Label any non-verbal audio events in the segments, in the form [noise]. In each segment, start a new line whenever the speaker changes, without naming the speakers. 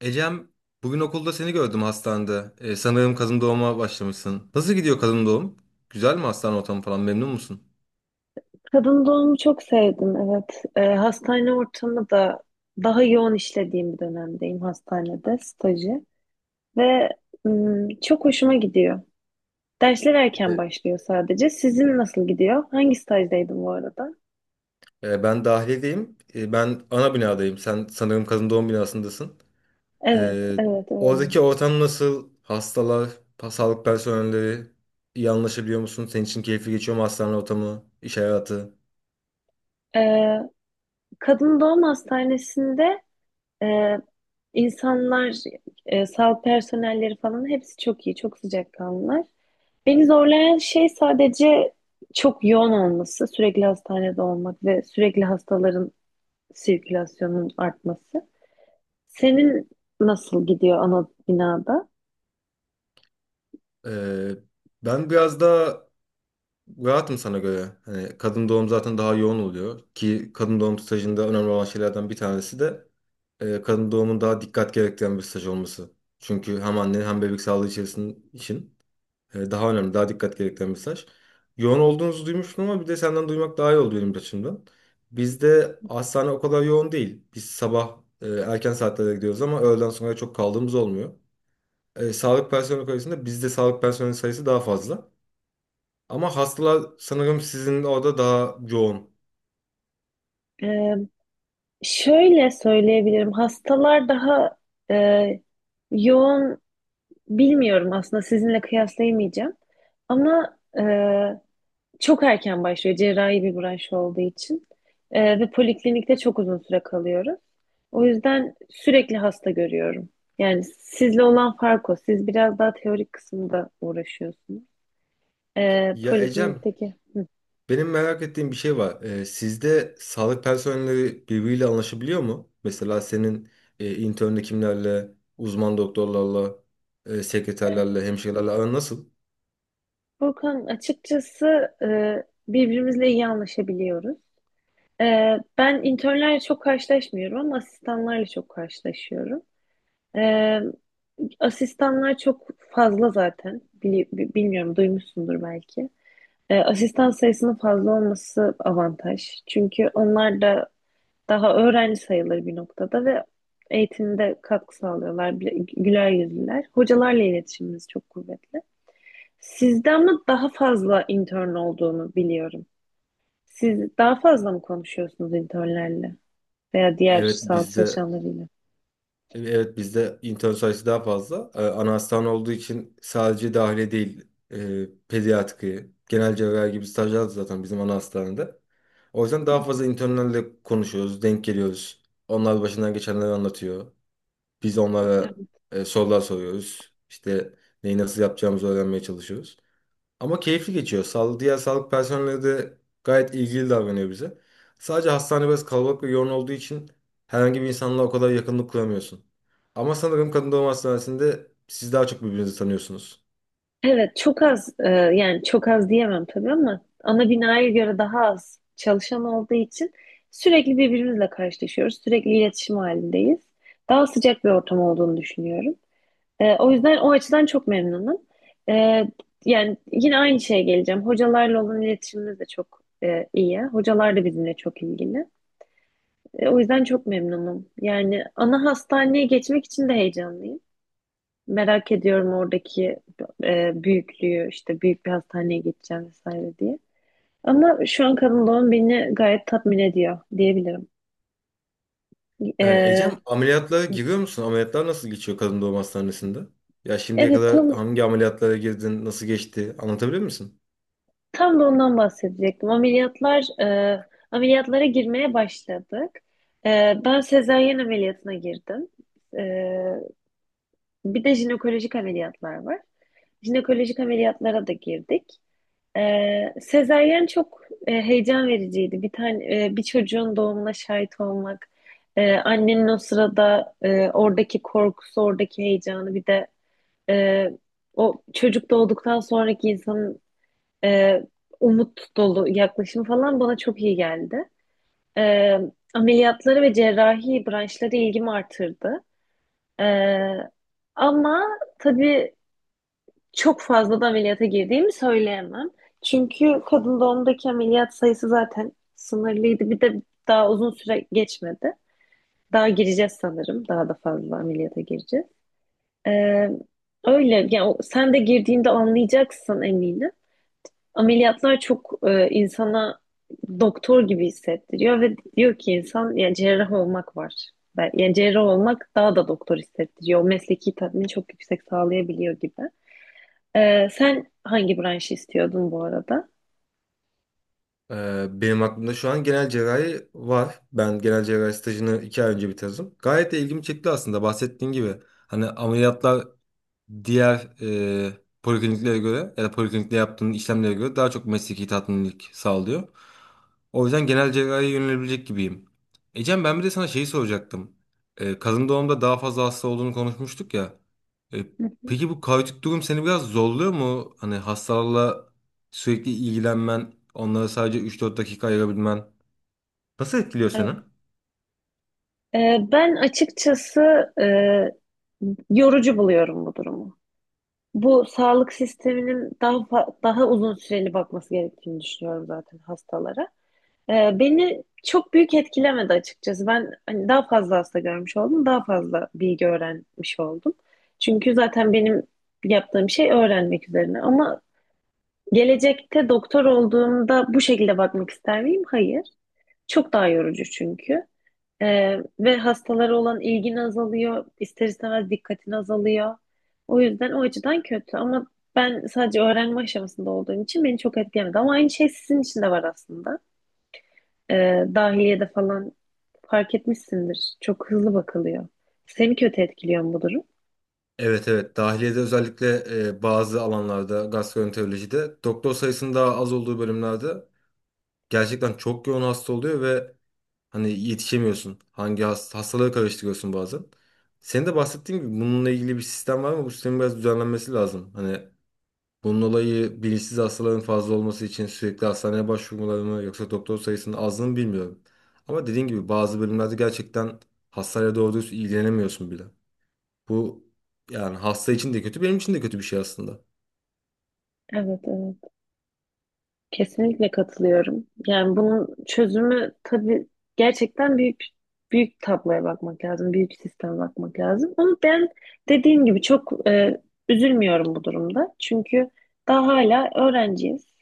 Ecem, bugün okulda seni gördüm hastanede. Sanırım kadın doğuma başlamışsın. Nasıl gidiyor kadın doğum? Güzel mi hastane ortamı falan? Memnun musun?
Kadın doğumu çok sevdim, evet. Hastane ortamı da daha yoğun işlediğim bir dönemdeyim hastanede, stajı. Ve çok hoşuma gidiyor. Dersler erken
Ee,
başlıyor sadece. Sizin nasıl gidiyor? Hangi stajdaydın bu arada?
Ben dahiliyedeyim. Ben ana binadayım. Sen sanırım kadın doğum binasındasın.
Evet,
Ee,
evet öyle.
Oradaki ortam nasıl? Hastalar, sağlık personelleri iyi anlaşabiliyor musun? Senin için keyifli geçiyor mu hastane ortamı, iş hayatı?
Ee, kadın doğum hastanesinde e, insanlar, sağlık personelleri falan hepsi çok iyi, çok sıcakkanlılar. Beni zorlayan şey sadece çok yoğun olması, sürekli hastanede olmak ve sürekli hastaların sirkülasyonun artması. Senin nasıl gidiyor ana binada?
Ee, Ben biraz daha rahatım sana göre. Hani kadın doğum zaten daha yoğun oluyor ki kadın doğum stajında önemli olan şeylerden bir tanesi de kadın doğumun daha dikkat gerektiren bir staj olması. Çünkü hem anne hem bebek sağlığı içerisinde için daha önemli, daha dikkat gerektiren bir staj. Yoğun olduğunuzu duymuştum ama bir de senden duymak daha iyi oldu benim açımdan. Bizde hastane o kadar yoğun değil. Biz sabah erken saatlerde gidiyoruz ama öğleden sonra çok kaldığımız olmuyor. Sağlık personeli sayısında bizde sağlık personeli sayısı daha fazla. Ama hastalar sanırım sizin orada daha yoğun.
Ee, şöyle söyleyebilirim. Hastalar daha e, yoğun bilmiyorum aslında sizinle kıyaslayamayacağım. Ama çok erken başlıyor cerrahi bir branş olduğu için. Ve poliklinikte çok uzun süre kalıyoruz. O yüzden sürekli hasta görüyorum. Yani sizle olan fark o. Siz biraz daha teorik kısımda uğraşıyorsunuz.
Ya Ecem,
Poliklinikteki. Hı.
benim merak ettiğim bir şey var. Sizde sağlık personelleri birbiriyle anlaşabiliyor mu? Mesela senin intern hekimlerle, uzman doktorlarla, sekreterlerle, hemşirelerle aran nasıl?
Furkan, açıkçası birbirimizle iyi anlaşabiliyoruz. Ben internlerle çok karşılaşmıyorum ama asistanlarla çok karşılaşıyorum. Ee, asistanlar çok fazla zaten. Bilmiyorum duymuşsundur belki. Asistan sayısının fazla olması avantaj. Çünkü onlar da daha öğrenci sayılır bir noktada ve eğitimde katkı sağlıyorlar. Güler yüzlüler. Hocalarla iletişimimiz çok kuvvetli. Sizde ama daha fazla intern olduğunu biliyorum. Siz daha fazla mı konuşuyorsunuz internlerle veya diğer
Evet
sağlık
bizde
çalışanlarıyla?
Evet bizde intern sayısı daha fazla. Ana hastane olduğu için sadece dahiliye değil pediatriye, genel cerrahi gibi stajlar da zaten bizim ana hastanede. O yüzden daha fazla internlerle konuşuyoruz, denk geliyoruz. Onlar başından geçenleri anlatıyor. Biz onlara
Evet.
sorular soruyoruz. İşte neyi nasıl yapacağımızı öğrenmeye çalışıyoruz. Ama keyifli geçiyor. Diğer sağlık personeli de gayet ilgili davranıyor bize. Sadece hastane biraz kalabalık ve yoğun olduğu için herhangi bir insanla o kadar yakınlık kuramıyorsun. Ama sanırım kadın doğum hastanesinde siz daha çok birbirinizi tanıyorsunuz.
Evet, çok az yani çok az diyemem tabii ama ana binaya göre daha az çalışan olduğu için sürekli birbirimizle karşılaşıyoruz. Sürekli iletişim halindeyiz. Daha sıcak bir ortam olduğunu düşünüyorum. O yüzden o açıdan çok memnunum. Ee, yani yine aynı şeye geleceğim. Hocalarla olan iletişimimiz de çok iyi. Hocalar da bizimle çok ilgili. O yüzden çok memnunum. Yani ana hastaneye geçmek için de heyecanlıyım. Merak ediyorum oradaki büyüklüğü, işte büyük bir hastaneye geçeceğim vesaire diye. Ama şu an kadın doğum beni gayet tatmin ediyor diyebilirim. E,
Ecem, ameliyatlara giriyor musun? Ameliyatlar nasıl geçiyor kadın doğum hastanesinde? Ya şimdiye
evet
kadar
tam
hangi ameliyatlara girdin, nasıl geçti? Anlatabilir misin?
Tam da ondan bahsedecektim. Ameliyatlar, ameliyatlara girmeye başladık. E, ben sezaryen ameliyatına girdim. E, bir de jinekolojik ameliyatlar var. Jinekolojik ameliyatlara da girdik. E, sezaryen çok heyecan vericiydi. Bir tane bir çocuğun doğumuna şahit olmak, annenin o sırada oradaki korkusu, oradaki heyecanı, bir de e, o çocuk doğduktan sonraki insanın e, umut dolu yaklaşım falan bana çok iyi geldi. E, ameliyatları ve cerrahi branşları ilgimi artırdı. E, ama tabii çok fazla da ameliyata girdiğimi söyleyemem. Çünkü kadın doğumdaki ameliyat sayısı zaten sınırlıydı. Bir de daha uzun süre geçmedi. Daha gireceğiz sanırım. Daha da fazla ameliyata gireceğiz. E, öyle. Yani sen de girdiğinde anlayacaksın eminim. Ameliyatlar çok insana doktor gibi hissettiriyor ve diyor ki insan yani cerrah olmak var. Yani cerrah olmak daha da doktor hissettiriyor. O mesleki tatmini çok yüksek sağlayabiliyor gibi. Sen hangi branşı istiyordun bu arada?
Benim aklımda şu an genel cerrahi var. Ben genel cerrahi stajını iki ay önce bitirdim. Gayet de ilgimi çekti aslında bahsettiğin gibi. Hani ameliyatlar diğer polikliniklere göre ya da poliklinikte yaptığın işlemlere göre daha çok mesleki tatminlik sağlıyor. O yüzden genel cerrahiye yönelebilecek gibiyim. Ecem, ben bir de sana şeyi soracaktım. Kadın doğumda daha fazla hasta olduğunu konuşmuştuk ya. E,
Hı hı.
peki bu kaotik durum seni biraz zorluyor mu? Hani hastalarla sürekli ilgilenmen, onlara sadece 3-4 dakika ayırabilmen nasıl etkiliyor seni?
Evet. Ben açıkçası e, yorucu buluyorum bu durumu. Bu sağlık sisteminin daha uzun süreli bakması gerektiğini düşünüyorum zaten hastalara. Beni çok büyük etkilemedi açıkçası. Ben hani daha fazla hasta görmüş oldum, daha fazla bilgi öğrenmiş oldum. Çünkü zaten benim yaptığım şey öğrenmek üzerine. Ama gelecekte doktor olduğumda bu şekilde bakmak ister miyim? Hayır. Çok daha yorucu çünkü. Ve hastalara olan ilgin azalıyor, ister istemez dikkatin azalıyor. O yüzden o açıdan kötü. Ama ben sadece öğrenme aşamasında olduğum için beni çok etkilemedi. Ama aynı şey sizin için de var aslında, e, dahiliyede falan fark etmişsindir. Çok hızlı bakılıyor. Seni kötü etkiliyor mu bu durum?
Evet, evet, dahiliyede özellikle bazı alanlarda, gastroenterolojide doktor sayısının daha az olduğu bölümlerde gerçekten çok yoğun hasta oluyor ve hani yetişemiyorsun. Hangi hastalığı karıştırıyorsun bazen. Senin de bahsettiğin gibi bununla ilgili bir sistem var ama bu sistemin biraz düzenlenmesi lazım. Hani bunun olayı bilinçsiz hastaların fazla olması için sürekli hastaneye başvurmaları mı yoksa doktor sayısının azlığını bilmiyorum. Ama dediğin gibi bazı bölümlerde gerçekten hastayla doğru düz ilgilenemiyorsun bile. Bu, yani hasta için de kötü, benim için de kötü bir şey aslında.
Evet, evet. Kesinlikle katılıyorum. Yani bunun çözümü tabii gerçekten büyük tabloya bakmak lazım, büyük sisteme bakmak lazım. Ama ben dediğim gibi çok üzülmüyorum bu durumda. Çünkü daha hala öğrenciyiz.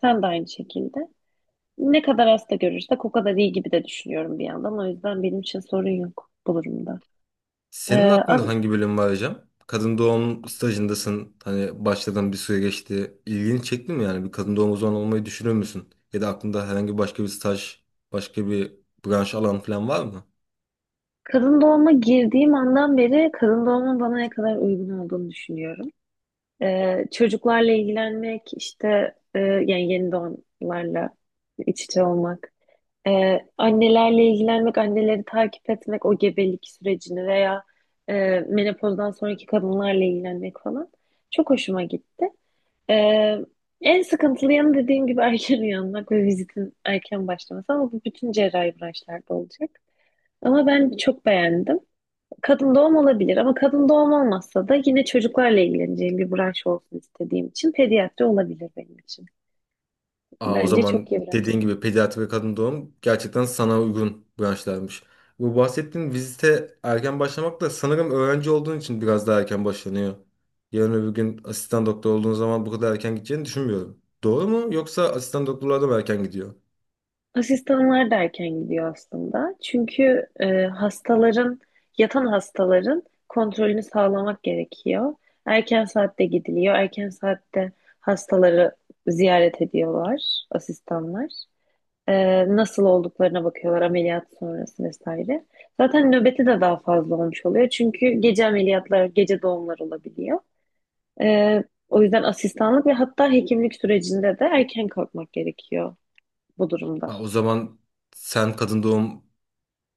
Sen de aynı şekilde. Ne kadar hasta görürsek o kadar iyi gibi de düşünüyorum bir yandan. O yüzden benim için sorun yok bu durumda. E,
Senin aklında
ama
hangi bölüm var hocam? Kadın doğum stajındasın. Hani başladığın bir süre geçti. İlgini çekti mi yani? Bir kadın doğum uzmanı olmayı düşünür müsün? Ya da aklında herhangi başka bir staj, başka bir branş, alan falan var mı?
kadın doğuma girdiğim andan beri kadın doğumun bana ne kadar uygun olduğunu düşünüyorum. Çocuklarla ilgilenmek işte yani yeni doğanlarla iç içe olmak. Annelerle ilgilenmek, anneleri takip etmek, o gebelik sürecini veya e, menopozdan sonraki kadınlarla ilgilenmek falan çok hoşuma gitti. Ee, en sıkıntılı yanı dediğim gibi [laughs] erken uyanmak ve vizitin erken başlaması ama bu bütün cerrahi branşlarda olacak. Ama ben çok beğendim. Kadın doğum olabilir ama kadın doğum olmazsa da yine çocuklarla ilgileneceğim bir branş olsun istediğim için pediatri olabilir benim için.
Aa, o
Bence çok
zaman
iyi
dediğin
branşlar.
gibi pediatri ve kadın doğum gerçekten sana uygun branşlarmış. Bu bahsettiğin vizite erken başlamak da sanırım öğrenci olduğun için biraz daha erken başlanıyor. Yarın öbür gün asistan doktor olduğun zaman bu kadar erken gideceğini düşünmüyorum. Doğru mu? Yoksa asistan doktorlar da mı erken gidiyor?
Asistanlar da erken gidiyor aslında. Çünkü yatan hastaların kontrolünü sağlamak gerekiyor. Erken saatte gidiliyor. Erken saatte hastaları ziyaret ediyorlar asistanlar. Nasıl olduklarına bakıyorlar ameliyat sonrası vesaire. Zaten nöbeti de daha fazla olmuş oluyor. Çünkü gece ameliyatlar, gece doğumlar olabiliyor. O yüzden asistanlık ve hatta hekimlik sürecinde de erken kalkmak gerekiyor bu durumda.
Aa, o zaman sen kadın doğum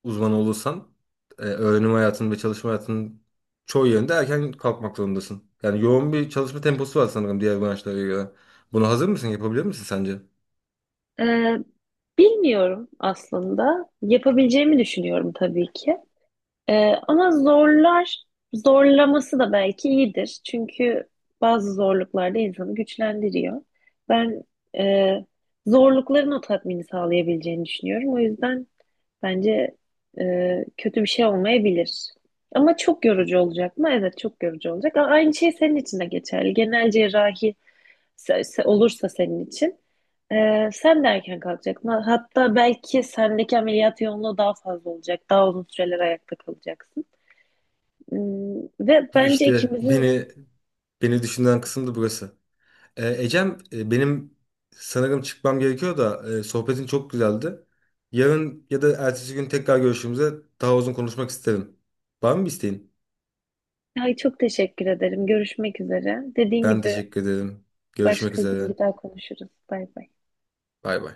uzmanı olursan öğrenim hayatın ve çalışma hayatının çoğu yerinde erken kalkmak zorundasın. Yani yoğun bir çalışma temposu var sanırım diğer branşlara göre. Buna hazır mısın? Yapabilir misin sence?
Ee, bilmiyorum aslında. Yapabileceğimi düşünüyorum tabii ki. Ama zorlaması da belki iyidir. Çünkü bazı zorluklar da insanı güçlendiriyor. Ben e, zorlukların o tatmini sağlayabileceğini düşünüyorum. O yüzden bence kötü bir şey olmayabilir. Ama çok yorucu olacak mı? Evet, çok yorucu olacak. Aynı şey senin için de geçerli. Genel cerrahi olursa senin için, sen de erken kalkacaksın. Hatta belki sendeki ameliyat yoğunluğu daha fazla olacak. Daha uzun süreler ayakta kalacaksın. Hmm. Ve bence
İşte
ikimizin de...
beni düşünen kısım da burası. Ecem, benim sanırım çıkmam gerekiyor da sohbetin çok güzeldi. Yarın ya da ertesi gün tekrar görüşümüzde daha uzun konuşmak isterim. Var mı bir isteğin?
Ay, çok teşekkür ederim. Görüşmek üzere. Dediğin
Ben
gibi
teşekkür ederim. Görüşmek
başka gün
üzere.
bir daha konuşuruz. Bay bay.
Bay bay.